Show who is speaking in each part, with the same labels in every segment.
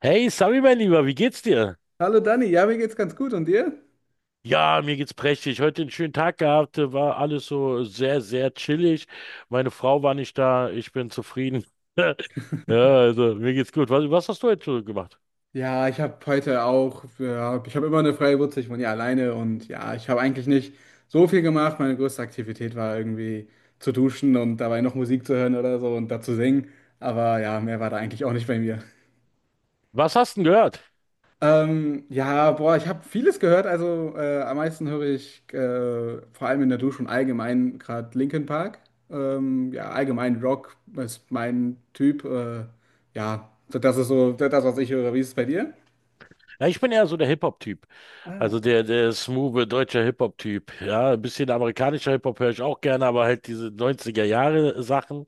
Speaker 1: Hey, Sami, mein Lieber, wie geht's dir?
Speaker 2: Hallo Dani, ja, mir geht's ganz gut und dir?
Speaker 1: Ja, mir geht's prächtig. Heute einen schönen Tag gehabt, war alles so sehr, sehr chillig. Meine Frau war nicht da, ich bin zufrieden. Ja, also mir geht's gut. Was hast du heute so gemacht?
Speaker 2: Ja, ich habe heute auch, ja, ich habe immer eine freie Wurzel, ich wohne ja alleine und ja, ich habe eigentlich nicht so viel gemacht. Meine größte Aktivität war irgendwie zu duschen und dabei noch Musik zu hören oder so und dazu singen, aber ja, mehr war da eigentlich auch nicht bei mir.
Speaker 1: Was hast du denn gehört?
Speaker 2: Ja, boah, ich habe vieles gehört. Also am meisten höre ich vor allem in der Dusche und allgemein gerade Linkin Park. Ja, allgemein Rock ist mein Typ. Ja, so das ist so das, was ich höre. Wie ist es bei dir?
Speaker 1: Ja, ich bin eher so der Hip-Hop-Typ. Also der smooth deutscher Hip-Hop-Typ. Ja, ein bisschen amerikanischer Hip-Hop höre ich auch gerne, aber halt diese neunziger Jahre Sachen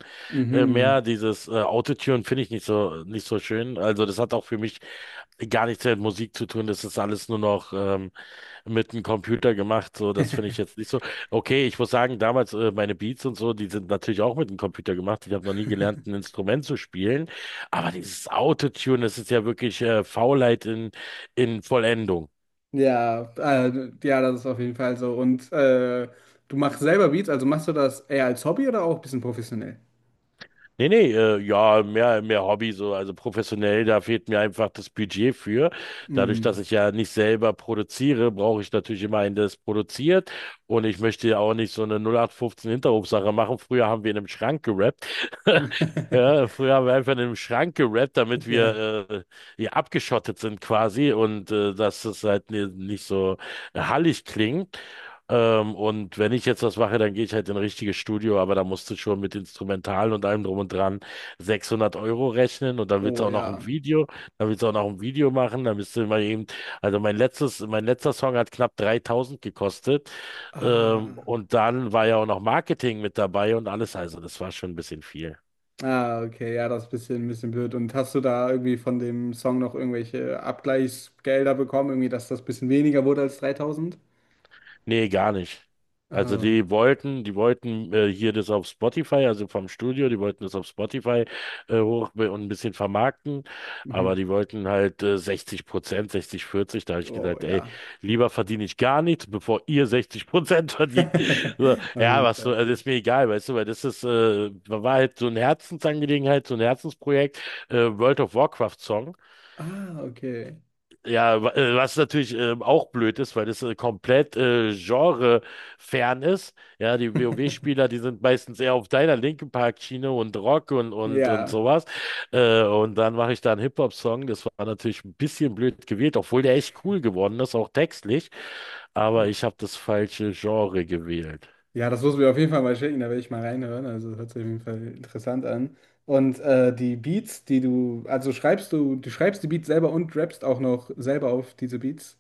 Speaker 2: Mhm.
Speaker 1: mehr dieses Autotune finde ich nicht so, nicht so schön. Also das hat auch für mich gar nichts mehr mit Musik zu tun. Das ist alles nur noch mit einem Computer gemacht. So, das finde ich jetzt nicht so. Okay, ich muss sagen, damals meine Beats und so, die sind natürlich auch mit dem Computer gemacht. Ich habe noch nie gelernt, ein Instrument zu spielen. Aber dieses Autotune, das ist ja wirklich Faulheit in Vollendung.
Speaker 2: Ja, ja, das ist auf jeden Fall so. Und du machst selber Beats, also machst du das eher als Hobby oder auch ein bisschen professionell?
Speaker 1: Nee, nee, ja, mehr Hobby, so, also professionell, da fehlt mir einfach das Budget für. Dadurch, dass
Speaker 2: Mhm.
Speaker 1: ich ja nicht selber produziere, brauche ich natürlich immer einen, der es produziert. Und ich möchte ja auch nicht so eine 0815 Hinterhofsache machen. Früher haben wir in einem Schrank gerappt. Ja, früher haben wir einfach in einem Schrank gerappt, damit
Speaker 2: Ja.
Speaker 1: wir hier abgeschottet sind quasi und dass es halt nicht so hallig klingt. Und wenn ich jetzt was mache, dann gehe ich halt in ein richtiges Studio, aber da musst du schon mit Instrumentalen und allem drum und dran 600 Euro rechnen und
Speaker 2: Oh ja.
Speaker 1: Dann willst du auch noch ein Video machen, dann bist du immer eben, also mein letztes, mein letzter Song hat knapp 3.000 gekostet,
Speaker 2: Ah.
Speaker 1: und dann war ja auch noch Marketing mit dabei und alles, also das war schon ein bisschen viel.
Speaker 2: Ah, okay, ja, das ist ein bisschen blöd. Und hast du da irgendwie von dem Song noch irgendwelche Abgleichsgelder bekommen, irgendwie, dass das ein bisschen weniger wurde als 3000?
Speaker 1: Nee, gar nicht. Also
Speaker 2: Ah,
Speaker 1: die wollten hier das auf Spotify, also vom Studio, die wollten das auf Spotify hoch und ein bisschen vermarkten,
Speaker 2: mhm.
Speaker 1: aber die wollten halt 60%, 60, 40. Da habe ich
Speaker 2: Oh,
Speaker 1: gesagt, ey,
Speaker 2: ja.
Speaker 1: lieber verdiene ich gar nichts, bevor ihr 60% verdient. So,
Speaker 2: Auf
Speaker 1: ja,
Speaker 2: jeden
Speaker 1: was so,
Speaker 2: Fall.
Speaker 1: also ist mir egal, weißt du, weil das ist, war halt so eine Herzensangelegenheit, so ein Herzensprojekt, World of Warcraft Song.
Speaker 2: Ah, okay.
Speaker 1: Ja, was natürlich auch blöd ist, weil das komplett genrefern ist. Ja, die WoW-Spieler, die sind meistens eher auf deiner linken Parkschiene und Rock und
Speaker 2: Ja.
Speaker 1: sowas. Und dann mache ich da einen Hip-Hop-Song. Das war natürlich ein bisschen blöd gewählt, obwohl der echt cool geworden ist, auch textlich. Aber
Speaker 2: Oh.
Speaker 1: ich habe das falsche Genre gewählt.
Speaker 2: Ja, das musst du mir auf jeden Fall mal schicken, da werde ich mal reinhören. Also hört sich auf jeden Fall interessant an. Und die Beats, die du, also schreibst du schreibst die Beats selber und rappst auch noch selber auf diese Beats?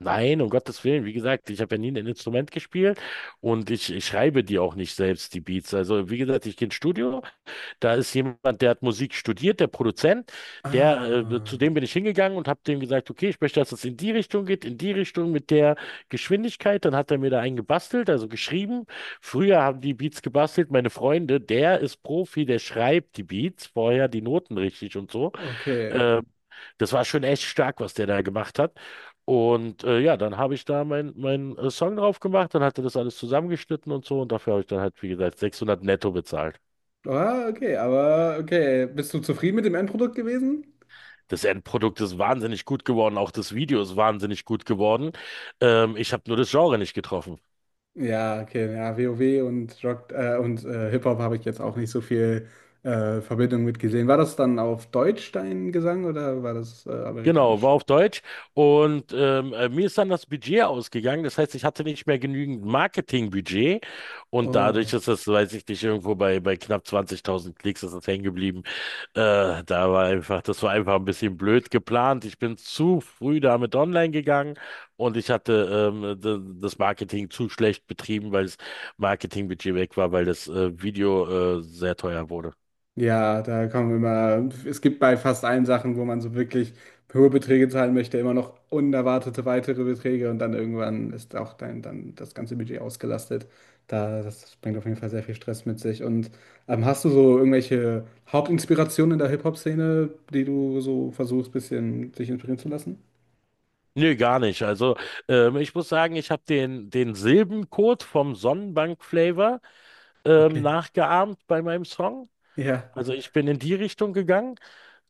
Speaker 1: Nein, um Gottes Willen, wie gesagt, ich habe ja nie ein Instrument gespielt und ich schreibe die auch nicht selbst, die Beats. Also, wie gesagt, ich gehe ins Studio, da ist jemand, der hat Musik studiert, der Produzent,
Speaker 2: Ah,
Speaker 1: zu dem bin ich hingegangen und habe dem gesagt, okay, ich möchte, dass es in die Richtung geht, in die Richtung mit der Geschwindigkeit. Dann hat er mir da einen gebastelt, also geschrieben. Früher haben die Beats gebastelt, meine Freunde, der ist Profi, der schreibt die Beats, vorher die Noten richtig und so.
Speaker 2: okay.
Speaker 1: Äh, Das war schon echt stark, was der da gemacht hat. Und ja, dann habe ich da meinen Song drauf gemacht, dann hat er das alles zusammengeschnitten und so und dafür habe ich dann halt, wie gesagt, 600 netto bezahlt.
Speaker 2: Ah, okay, aber okay. Bist du zufrieden mit dem Endprodukt gewesen?
Speaker 1: Das Endprodukt ist wahnsinnig gut geworden, auch das Video ist wahnsinnig gut geworden. Ich habe nur das Genre nicht getroffen.
Speaker 2: Ja, okay, ja, WoW und Rock und Hip-Hop habe ich jetzt auch nicht so viel Verbindung mit gesehen. War das dann auf Deutsch dein Gesang oder war das
Speaker 1: Genau, war
Speaker 2: amerikanisch?
Speaker 1: auf Deutsch. Und mir ist dann das Budget ausgegangen. Das heißt, ich hatte nicht mehr genügend Marketingbudget. Und dadurch
Speaker 2: Oh.
Speaker 1: ist das, weiß ich nicht, irgendwo bei knapp 20.000 Klicks ist das hängen geblieben. Da war einfach, das war einfach ein bisschen blöd geplant. Ich bin zu früh damit online gegangen und ich hatte das Marketing zu schlecht betrieben, weil das Marketingbudget weg war, weil das Video sehr teuer wurde.
Speaker 2: Ja, da kommen immer, es gibt bei fast allen Sachen, wo man so wirklich hohe Beträge zahlen möchte, immer noch unerwartete weitere Beträge und dann irgendwann ist auch dann das ganze Budget ausgelastet. Das bringt auf jeden Fall sehr viel Stress mit sich. Und hast du so irgendwelche Hauptinspirationen in der Hip-Hop-Szene, die du so versuchst, bisschen dich inspirieren zu lassen?
Speaker 1: Nö, gar nicht. Also ich muss sagen, ich habe den Silbencode vom Sonnenbank-Flavor
Speaker 2: Okay.
Speaker 1: nachgeahmt bei meinem Song.
Speaker 2: Ja.
Speaker 1: Also ich bin in die Richtung gegangen.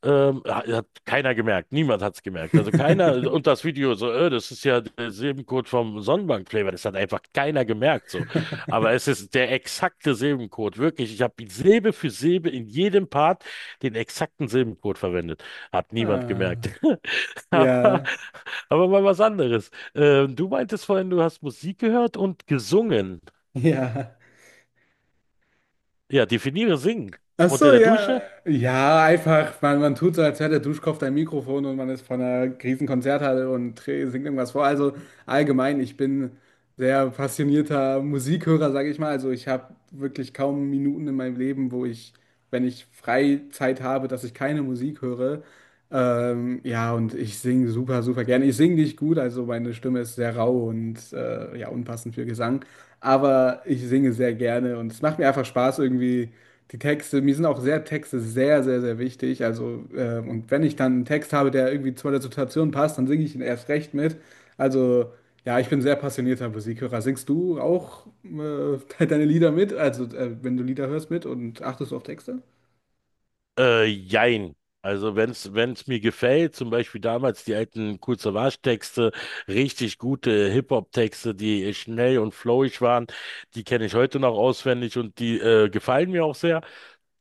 Speaker 1: Hat keiner gemerkt, niemand hat es gemerkt. Also keiner, und das Video so, das ist ja der Silbencode vom Sonnenbank-Flavor, das hat einfach keiner gemerkt so. Aber es ist der exakte Silbencode, wirklich. Ich habe Silbe für Silbe in jedem Part den exakten Silbencode verwendet. Hat niemand
Speaker 2: Ah,
Speaker 1: gemerkt. Aber,
Speaker 2: ja,
Speaker 1: aber mal was anderes. Du meintest vorhin, du hast Musik gehört und gesungen.
Speaker 2: ja.
Speaker 1: Ja, definiere singen.
Speaker 2: Ach
Speaker 1: Unter
Speaker 2: so,
Speaker 1: der
Speaker 2: ja.
Speaker 1: Dusche?
Speaker 2: Ja, einfach, man tut so, als wäre der Duschkopf dein Mikrofon und man ist von einer Riesenkonzerthalle und singt irgendwas vor. Also allgemein, ich bin sehr passionierter Musikhörer, sage ich mal. Also ich habe wirklich kaum Minuten in meinem Leben, wenn ich Freizeit habe, dass ich keine Musik höre. Ja, und ich singe super, super gerne. Ich singe nicht gut, also meine Stimme ist sehr rau und ja, unpassend für Gesang. Aber ich singe sehr gerne und es macht mir einfach Spaß, irgendwie die Texte. Mir sind auch sehr Texte sehr, sehr, sehr wichtig. Also, und wenn ich dann einen Text habe, der irgendwie zu der Situation passt, dann singe ich ihn erst recht mit. Also, ja, ich bin sehr passionierter Musikhörer. Singst du auch deine Lieder mit? Also, wenn du Lieder hörst mit und achtest du auf Texte?
Speaker 1: Jein. Also wenn es mir gefällt, zum Beispiel damals die alten Kool Savas Texte, richtig gute Hip-Hop-Texte, die schnell und flowig waren, die kenne ich heute noch auswendig und die gefallen mir auch sehr.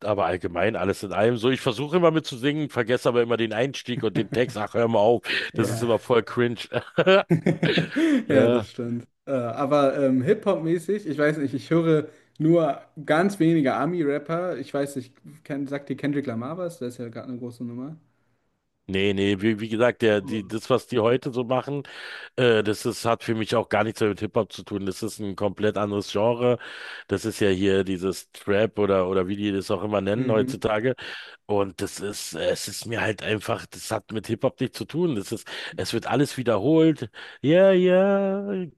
Speaker 1: Aber allgemein alles in allem so. Ich versuche immer mitzusingen, vergesse aber immer den Einstieg und den Text. Ach, hör mal auf, das ist
Speaker 2: Ja.
Speaker 1: immer voll cringe.
Speaker 2: Ja,
Speaker 1: äh,
Speaker 2: das stimmt. Aber Hip-Hop-mäßig, ich weiß nicht, ich höre nur ganz wenige Ami-Rapper. Ich weiß nicht, sagt dir Kendrick Lamar was? Der ist ja gerade eine große Nummer.
Speaker 1: Nee, nee, wie gesagt,
Speaker 2: Oh.
Speaker 1: was die heute so machen, das ist, hat für mich auch gar nichts mehr mit Hip-Hop zu tun. Das ist ein komplett anderes Genre. Das ist ja hier dieses Trap oder wie die das auch immer nennen
Speaker 2: Mhm.
Speaker 1: heutzutage. Und das ist, es ist mir halt einfach, das hat mit Hip-Hop nichts zu tun. Das ist, es wird alles wiederholt. Ja, ja,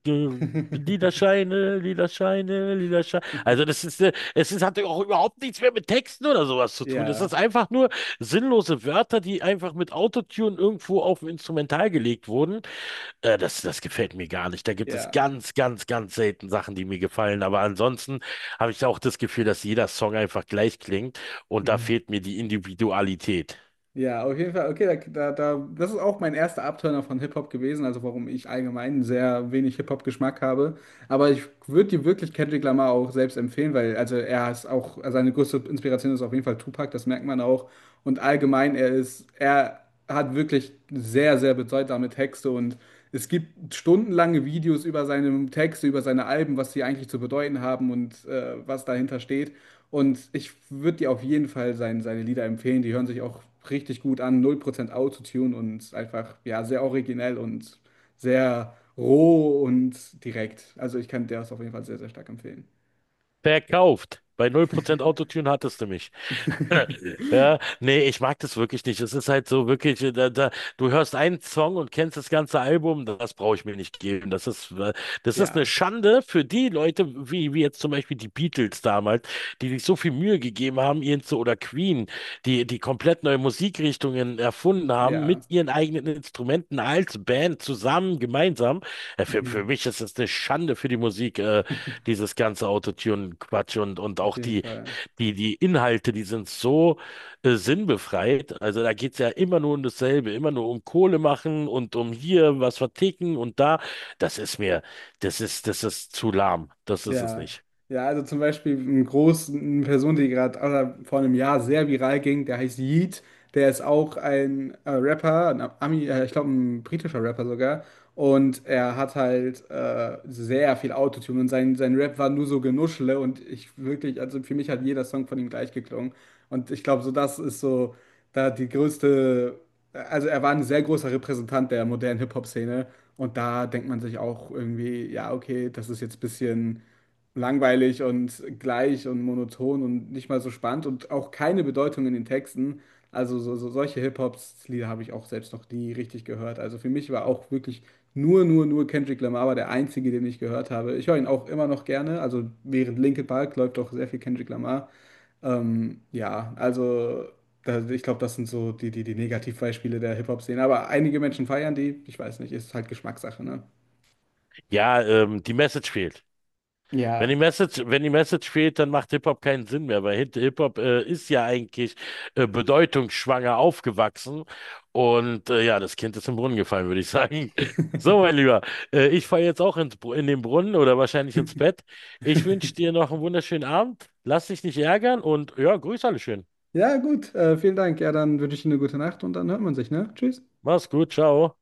Speaker 1: lila Scheine, lila Scheine, lila Scheine. Also das ist, es ist, hat auch überhaupt nichts mehr mit Texten oder sowas zu tun. Das ist
Speaker 2: Ja,
Speaker 1: einfach nur sinnlose Wörter, die einfach mit Autotune irgendwo auf ein Instrumental gelegt wurden. Das gefällt mir gar nicht. Da gibt es
Speaker 2: ja.
Speaker 1: ganz, ganz, ganz selten Sachen, die mir gefallen. Aber ansonsten habe ich auch das Gefühl, dass jeder Song einfach gleich klingt und da
Speaker 2: Mhm.
Speaker 1: fehlt mir die Individualität.
Speaker 2: Ja, auf jeden Fall. Okay, das ist auch mein erster Abturner von Hip-Hop gewesen, also warum ich allgemein sehr wenig Hip-Hop-Geschmack habe. Aber ich würde dir wirklich Kendrick Lamar auch selbst empfehlen, weil also also seine größte Inspiration ist auf jeden Fall Tupac, das merkt man auch. Und allgemein, er hat wirklich sehr, sehr bedeutsame Texte und es gibt stundenlange Videos über seine Texte, über seine Alben, was sie eigentlich zu bedeuten haben und was dahinter steht. Und ich würde dir auf jeden Fall seine Lieder empfehlen. Die hören sich auch richtig gut an. 0% Autotune und einfach, ja, sehr originell und sehr roh und direkt. Also ich kann dir das auf jeden Fall sehr, sehr stark empfehlen.
Speaker 1: Verkauft. Bei 0% Autotune hattest du mich. Ja, nee, ich mag das wirklich nicht. Es ist halt so wirklich, da, du hörst einen Song und kennst das ganze Album, das brauche ich mir nicht geben. Das ist eine
Speaker 2: Ja,
Speaker 1: Schande für die Leute, wie jetzt zum Beispiel die Beatles damals, die sich so viel Mühe gegeben haben, ihren zu, oder Queen, die komplett neue Musikrichtungen erfunden haben, mit
Speaker 2: ja.
Speaker 1: ihren eigenen Instrumenten als Band zusammen, gemeinsam. Äh, Für,
Speaker 2: Mhm.
Speaker 1: für mich ist es eine Schande für die Musik, dieses ganze Autotune-Quatsch
Speaker 2: Auf
Speaker 1: auch
Speaker 2: jeden Fall.
Speaker 1: die Inhalte, die sind so sinnbefreit. Also da geht's ja immer nur um dasselbe, immer nur um Kohle machen und um hier was verticken und da. Das ist mir, das ist zu lahm. Das ist es
Speaker 2: Ja,
Speaker 1: nicht.
Speaker 2: ja, also zum Beispiel eine Person, die gerade also vor einem Jahr sehr viral ging, der heißt Yeet, der ist auch ein Rapper, ein Ami, ich glaube ein britischer Rapper sogar, und er hat halt sehr viel Autotune und sein Rap war nur so Genuschle und ich wirklich, also für mich hat jeder Song von ihm gleich geklungen und ich glaube so das ist so da die größte, also er war ein sehr großer Repräsentant der modernen Hip-Hop-Szene und da denkt man sich auch irgendwie, ja okay, das ist jetzt ein bisschen langweilig und gleich und monoton und nicht mal so spannend und auch keine Bedeutung in den Texten. Also solche Hip-Hop-Lieder habe ich auch selbst noch nie richtig gehört. Also für mich war auch wirklich nur Kendrick Lamar war der einzige, den ich gehört habe. Ich höre ihn auch immer noch gerne. Also während Linkin Park läuft auch sehr viel Kendrick Lamar. Ja, also da, ich glaube, das sind so die Negativbeispiele der Hip-Hop-Szene. Aber einige Menschen feiern die. Ich weiß nicht, ist halt Geschmackssache, ne?
Speaker 1: Ja, die Message fehlt. Wenn die
Speaker 2: Ja,
Speaker 1: Message, wenn die Message fehlt, dann macht Hip-Hop keinen Sinn mehr, weil Hip-Hop ist ja eigentlich bedeutungsschwanger aufgewachsen. Und ja, das Kind ist im Brunnen gefallen, würde ich sagen. So, mein Lieber, ich falle jetzt auch in den Brunnen oder wahrscheinlich ins Bett. Ich wünsche dir noch einen wunderschönen Abend. Lass dich nicht ärgern und ja, grüß alle schön.
Speaker 2: ja, gut. Vielen Dank. Ja, dann wünsche ich Ihnen eine gute Nacht und dann hört man sich, ne? Tschüss.
Speaker 1: Mach's gut, ciao.